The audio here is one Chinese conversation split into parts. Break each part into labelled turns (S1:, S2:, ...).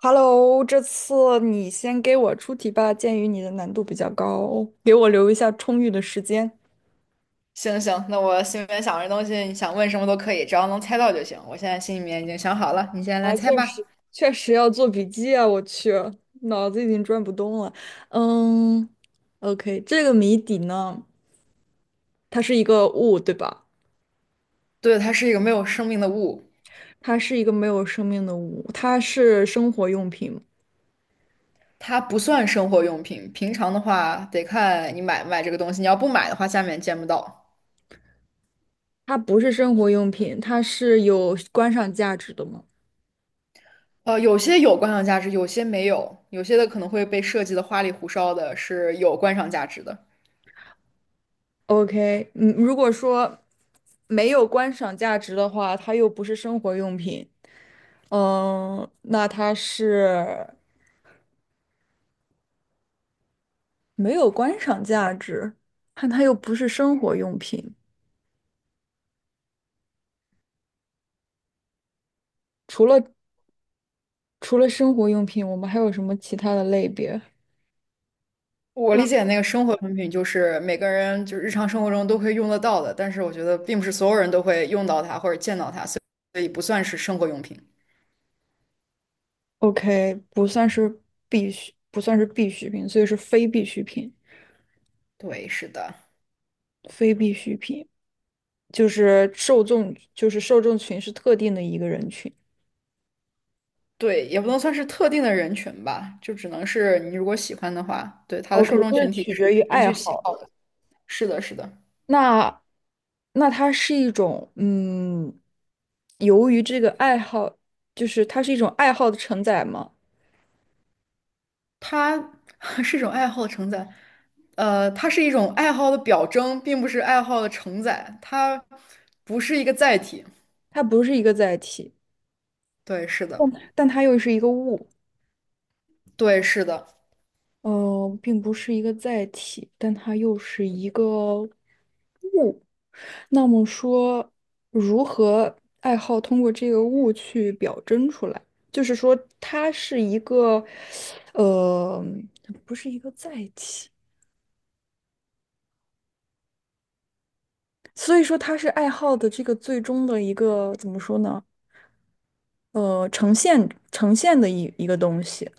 S1: Hello，这次你先给我出题吧，鉴于你的难度比较高，给我留一下充裕的时间。
S2: 行行，那我心里面想着东西，你想问什么都可以，只要能猜到就行。我现在心里面已经想好了，你现在来
S1: 啊，
S2: 猜
S1: 确实，
S2: 吧。
S1: 确实要做笔记啊！我去，脑子已经转不动了。嗯，OK，这个谜底呢，它是一个物，对吧？
S2: 对，它是一个没有生命的物，
S1: 它是一个没有生命的物，它是生活用品吗？
S2: 它不算生活用品。平常的话，得看你买不买这个东西。你要不买的话，下面见不到。
S1: 它不是生活用品，它是有观赏价值的吗
S2: 有些有观赏价值，有些没有，有些的可能会被设计的花里胡哨的，是有观赏价值的。
S1: ？OK，嗯，如果说没有观赏价值的话，它又不是生活用品。嗯，那它是没有观赏价值，但它又不是生活用品。除了除了生活用品，我们还有什么其他的类别？
S2: 我
S1: 那
S2: 理解那个生活用品就是每个人就是日常生活中都会用得到的，但是我觉得并不是所有人都会用到它或者见到它，所以不算是生活用品。
S1: OK，不算是必需，不算是必需品，所以是非必需品。
S2: 对，是的，
S1: 非必需品就是受众，就是受众群是特定的一个人群。
S2: 对，也不能算是特定的人群吧，就只能是你如果喜欢的话，对，它的受
S1: OK，
S2: 众
S1: 这是
S2: 群体
S1: 取决
S2: 是
S1: 于
S2: 根
S1: 爱
S2: 据喜
S1: 好。
S2: 好的。是的，是的，
S1: 那那它是一种，由于这个爱好，就是它是一种爱好的承载吗？
S2: 它 是一种爱好的承载，它是一种爱好的表征，并不是爱好的承载，它不是一个载体。
S1: 它不是一个载体，
S2: 对，是的，
S1: 但但它又是一个物，
S2: 对，是的。
S1: 并不是一个载体，但它又是一个物。那么说，如何爱好通过这个物去表征出来？就是说，它是一个，呃，不是一个载体。所以说它是爱好的这个最终的一个怎么说呢？呈现的一个东西。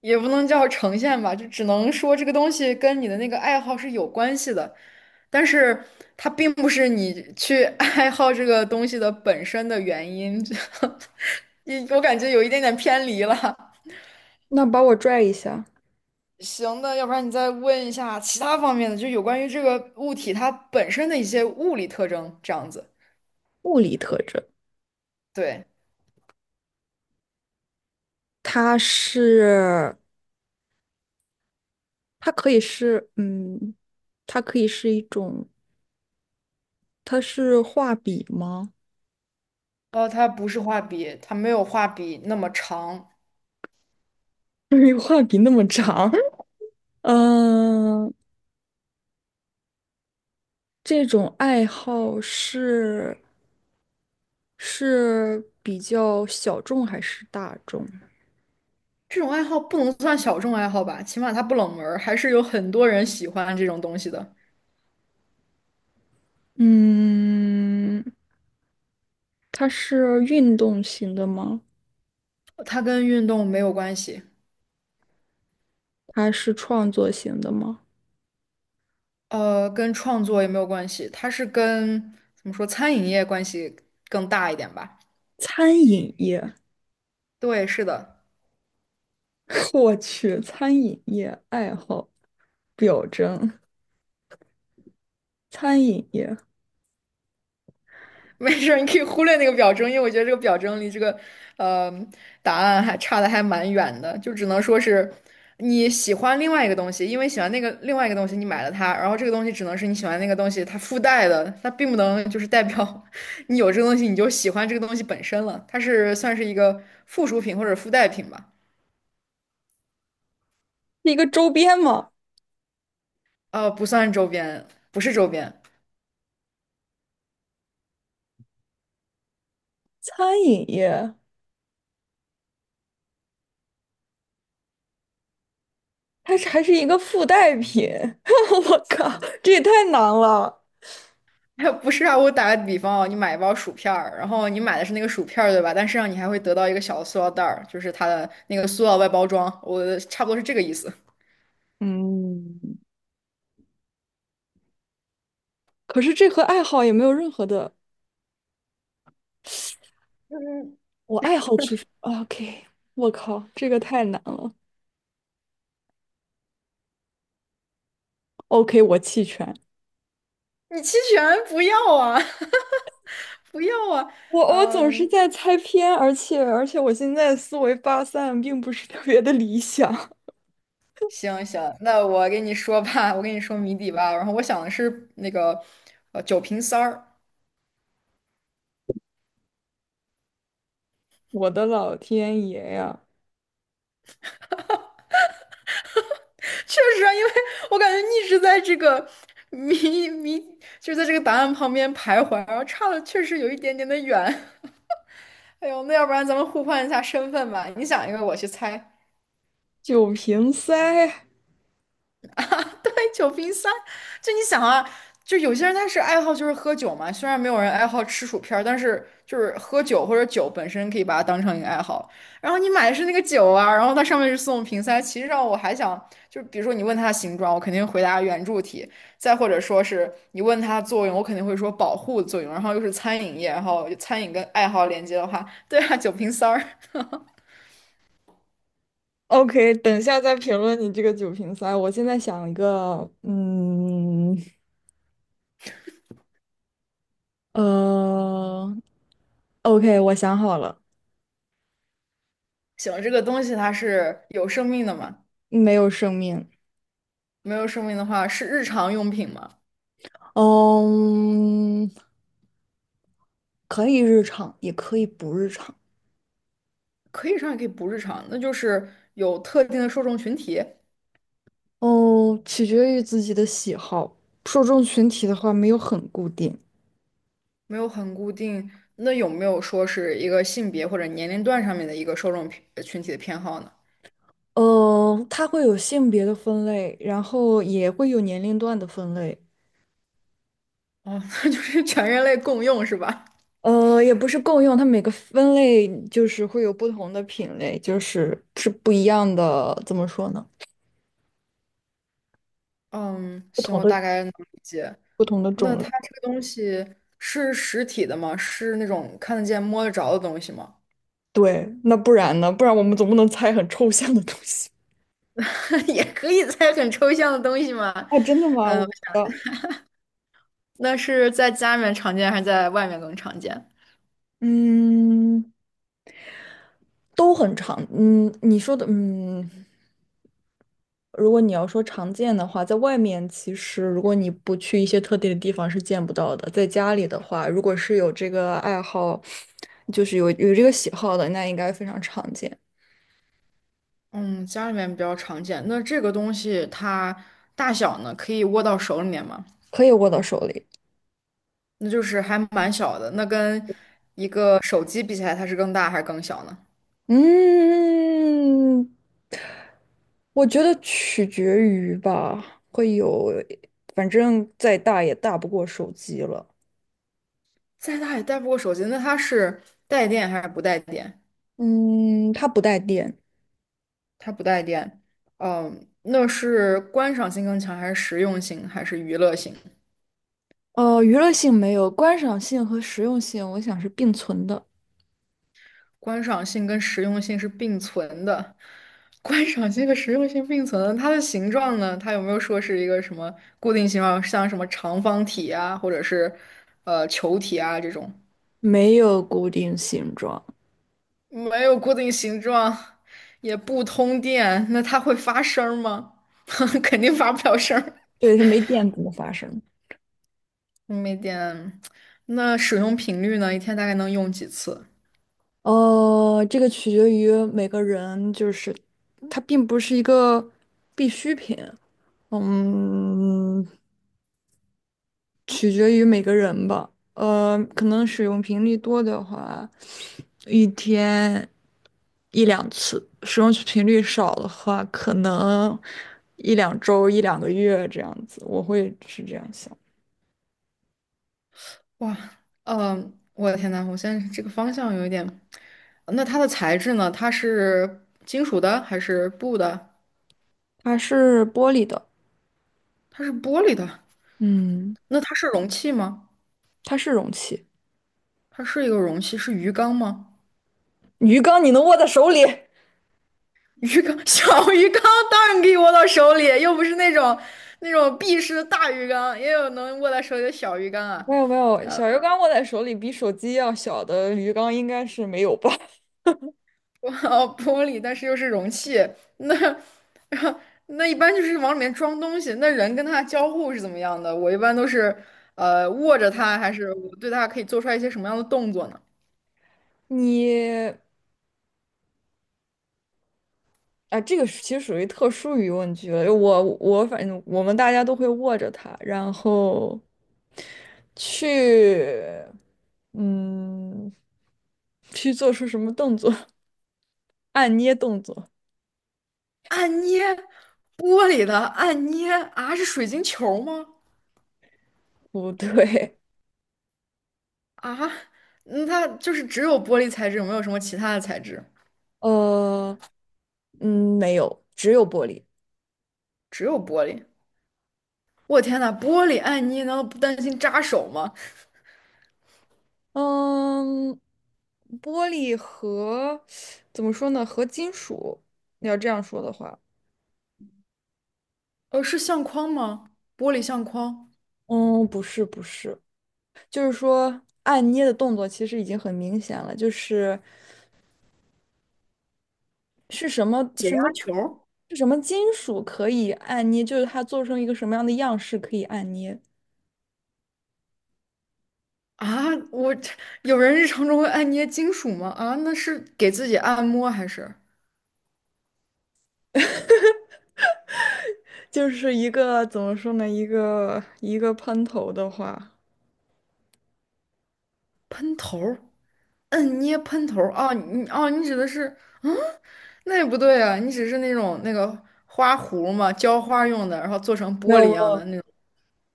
S2: 也不能叫呈现吧，就只能说这个东西跟你的那个爱好是有关系的，但是它并不是你去 爱好这个东西的本身的原因，就 你我感觉有一点点偏离了。
S1: 那把我拽一下，
S2: 行的，要不然你再问一下其他方面的，就有关于这个物体它本身的一些物理特征，这样子。
S1: 物理特征，
S2: 对，
S1: 它是它可以是它可以是一种，它是画笔吗？
S2: 哦，它不是画笔，它没有画笔那么长。
S1: 因为画笔那么长，嗯，这种爱好是是比较小众还是大众？
S2: 这种爱好不能算小众爱好吧，起码它不冷门儿还是有很多人喜欢这种东西的。
S1: 嗯，它是运动型的吗？
S2: 它跟运动没有关系，
S1: 它是创作型的吗？
S2: 跟创作也没有关系，它是跟怎么说餐饮业关系更大一点吧？
S1: 餐饮业，
S2: 对，是的，
S1: 我去，餐饮业爱好表征，餐饮业
S2: 没事儿，你可以忽略那个表征，因为我觉得这个表征离这个呃答案还差的还蛮远的，就只能说是你喜欢另外一个东西，因为喜欢那个另外一个东西，你买了它，然后这个东西只能是你喜欢那个东西它附带的，它并不能就是代表 你有这个东西你就喜欢这个东西本身了，它是算是一个附属品或者附带品吧。
S1: 是一个周边吗？
S2: 不算周边，不是周边，
S1: 餐饮业，它是还是一个附带品，我靠，这也太难了。
S2: 不是啊。我打个比方啊，你买一包薯片儿，然后你买的是那个薯片儿，对吧？但实际上你还会得到一个小的塑料袋儿，就是它的那个塑料外包装，我差不多是这个意思。
S1: 嗯，可是这和爱好也没有任何的，
S2: 嗯，
S1: 我爱好去 OK，我靠，这个太难了。OK，我弃权。
S2: 你弃权不要啊，不要啊。
S1: 我总是
S2: 嗯，
S1: 在猜偏，而且我现在思维发散并不是特别的理想。
S2: 行行，那我给你说吧，我给你说谜底吧。然后我想的是那个酒瓶塞儿，
S1: 我的老天爷呀，
S2: 确实啊，因为我感觉一直在这个谜谜，就是在这个答案旁边徘徊，然后差的确实有一点点的远。哎呦，那要不然咱们互换一下身份吧，你想一个，我去猜。
S1: 酒瓶塞
S2: 酒瓶塞，就你想啊，就有些人他是爱好就是喝酒嘛，虽然没有人爱好吃薯片儿但是就是喝酒或者酒本身可以把它当成一个爱好。然后你买的是那个酒啊，然后它上面是送瓶塞，其实上我还想，就比如说你问它的形状，我肯定回答圆柱体；再或者说是你问它的作用，我肯定会说保护作用。然后又是餐饮业，然后餐饮跟爱好连接的话，对啊，酒瓶塞儿，
S1: ！OK，等一下再评论你这个酒瓶塞。我现在想一个，呃，OK，我想好了，
S2: 行，这个东西它是有生命的嘛？
S1: 没有生命，
S2: 没有生命的话是日常用品嘛？
S1: 嗯，可以日常，也可以不日常，
S2: 可以日常也可以不日常，那就是有特定的受众群体，
S1: 哦，取决于自己的喜好，受众群体的话没有很固定。
S2: 没有很固定。那有没有说是一个性别或者年龄段上面的一个受众群体的偏好呢？
S1: 呃，它会有性别的分类，然后也会有年龄段的分类。
S2: 哦，那就是全人类共用是吧？
S1: 呃，也不是共用，它每个分类就是会有不同的品类，就是是不一样的，怎么说呢？
S2: 嗯，
S1: 不
S2: 行，
S1: 同
S2: 我
S1: 的
S2: 大概能理解。
S1: 不同的
S2: 那
S1: 种
S2: 它
S1: 类。
S2: 这个东西是实体的吗？是那种看得见、摸得着的东西吗？
S1: 对，那不然呢？不然我们总不能猜很抽象的东西。
S2: 也可以在很抽象的东西吗？
S1: 啊？真的吗？我
S2: 嗯，
S1: 不知道。
S2: 那是在家里面常见还是在外面更常见？
S1: 嗯，都很长。嗯，你说的，嗯。如果你要说常见的话，在外面其实如果你不去一些特定的地方是见不到的。在家里的话，如果是有这个爱好，就是有这个喜好的，那应该非常常见，
S2: 嗯，家里面比较常见。那这个东西它大小呢，可以握到手里面吗？
S1: 可以握到手里。
S2: 那就是还蛮小的。那跟一个手机比起来，它是更大还是更小呢？
S1: 嗯，我觉得取决于吧，会有，反正再大也大不过手机了。
S2: 再大也带不过手机。那它是带电还是不带电？
S1: 嗯，它不带电。
S2: 它不带电。嗯，那是观赏性更强，还是实用性，还是娱乐性？
S1: 娱乐性没有，观赏性和实用性，我想是并存的。
S2: 观赏性跟实用性是并存的，观赏性和实用性并存的它的形状呢？它有没有说是一个什么固定形状，像什么长方体啊，或者是球体啊这种？
S1: 没有固定形状。
S2: 没有固定形状，也不通电，那它会发声儿吗？肯定发不了声儿。
S1: 对，它没电怎么发生。
S2: 嗯没电，那使用频率呢？一天大概能用几次？
S1: 哦，这个取决于每个人，就是它并不是一个必需品，嗯，取决于每个人吧。可能使用频率多的话，一天一两次；使用频率少的话，可能一两周、一两个月这样子。我会是这样想。
S2: 哇，嗯、我的天呐，我现在这个方向有一点。那它的材质呢？它是金属的还是布的？
S1: 它是玻璃的，
S2: 它是玻璃的。
S1: 嗯，
S2: 那它是容器吗？
S1: 它是容器。
S2: 它是一个容器，是鱼缸吗？
S1: 鱼缸你能握在手里？
S2: 鱼缸，小鱼缸当然可以握到手里，又不是那种那种闭式的大鱼缸，也有能握在手里的小鱼缸
S1: 没
S2: 啊。
S1: 有没有，小鱼缸握在手里比手机要小的鱼缸应该是没有吧？
S2: 哇哦，玻璃，但是又是容器，那 那一般就是往里面装东西。那人跟它交互是怎么样的？我一般都是握着它，还是我对它可以做出来一些什么样的动作呢？
S1: 你啊，这个是其实属于特殊疑问句了。我反正我们大家都会握着它，然后去嗯去做出什么动作？按捏动作？
S2: 按捏玻璃的按捏啊，是水晶球吗？
S1: 不对，
S2: 啊，嗯它就是只有玻璃材质，有没有什么其他的材质，
S1: 呃没有，只有玻璃。
S2: 只有玻璃。我天呐，玻璃按捏难道不担心扎手吗？
S1: 嗯，玻璃和怎么说呢？和金属，你要这样说的话，
S2: 是相框吗？玻璃相框，
S1: 嗯，不是不是，就是说按捏的动作其实已经很明显了，就是是什么
S2: 解
S1: 什
S2: 压
S1: 么
S2: 球
S1: 是什么金属可以按捏，就是它做成一个什么样的样式可以按捏，
S2: 啊？我这有人日常中会按捏金属吗？啊，那是给自己按摩还是
S1: 就是一个怎么说呢？一个喷头的话，
S2: 喷头？嗯，捏喷头儿哦，你哦，你指的是，嗯，那也不对啊，你只是那种那个花壶嘛，浇花用的，然后做成
S1: 没
S2: 玻
S1: 有
S2: 璃一
S1: 没
S2: 样的
S1: 有
S2: 那种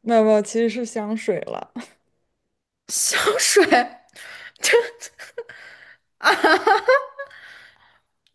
S1: 没有没有，其实是香水了。
S2: 香水，这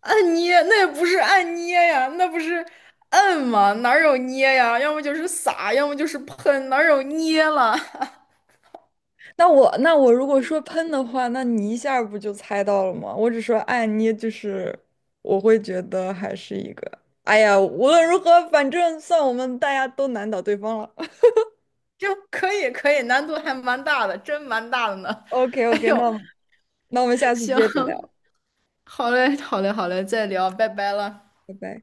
S2: 按捏那也不是按捏呀，那不是摁吗？哪儿有捏呀？要么就是撒，要么就是喷，哪儿有捏了？
S1: 那我那我如果说喷的话，那你一下儿不就猜到了吗？我只说爱捏，就是我会觉得还是一个。哎呀，无论如何，反正算我们大家都难倒对方了。
S2: 这可以可以，难度还蛮大的，真蛮大的呢。
S1: OK
S2: 哎
S1: OK，那
S2: 呦，
S1: 我们那我们下次
S2: 行，
S1: 接着聊，
S2: 好嘞，好嘞，好嘞，再聊，拜拜了。
S1: 拜拜。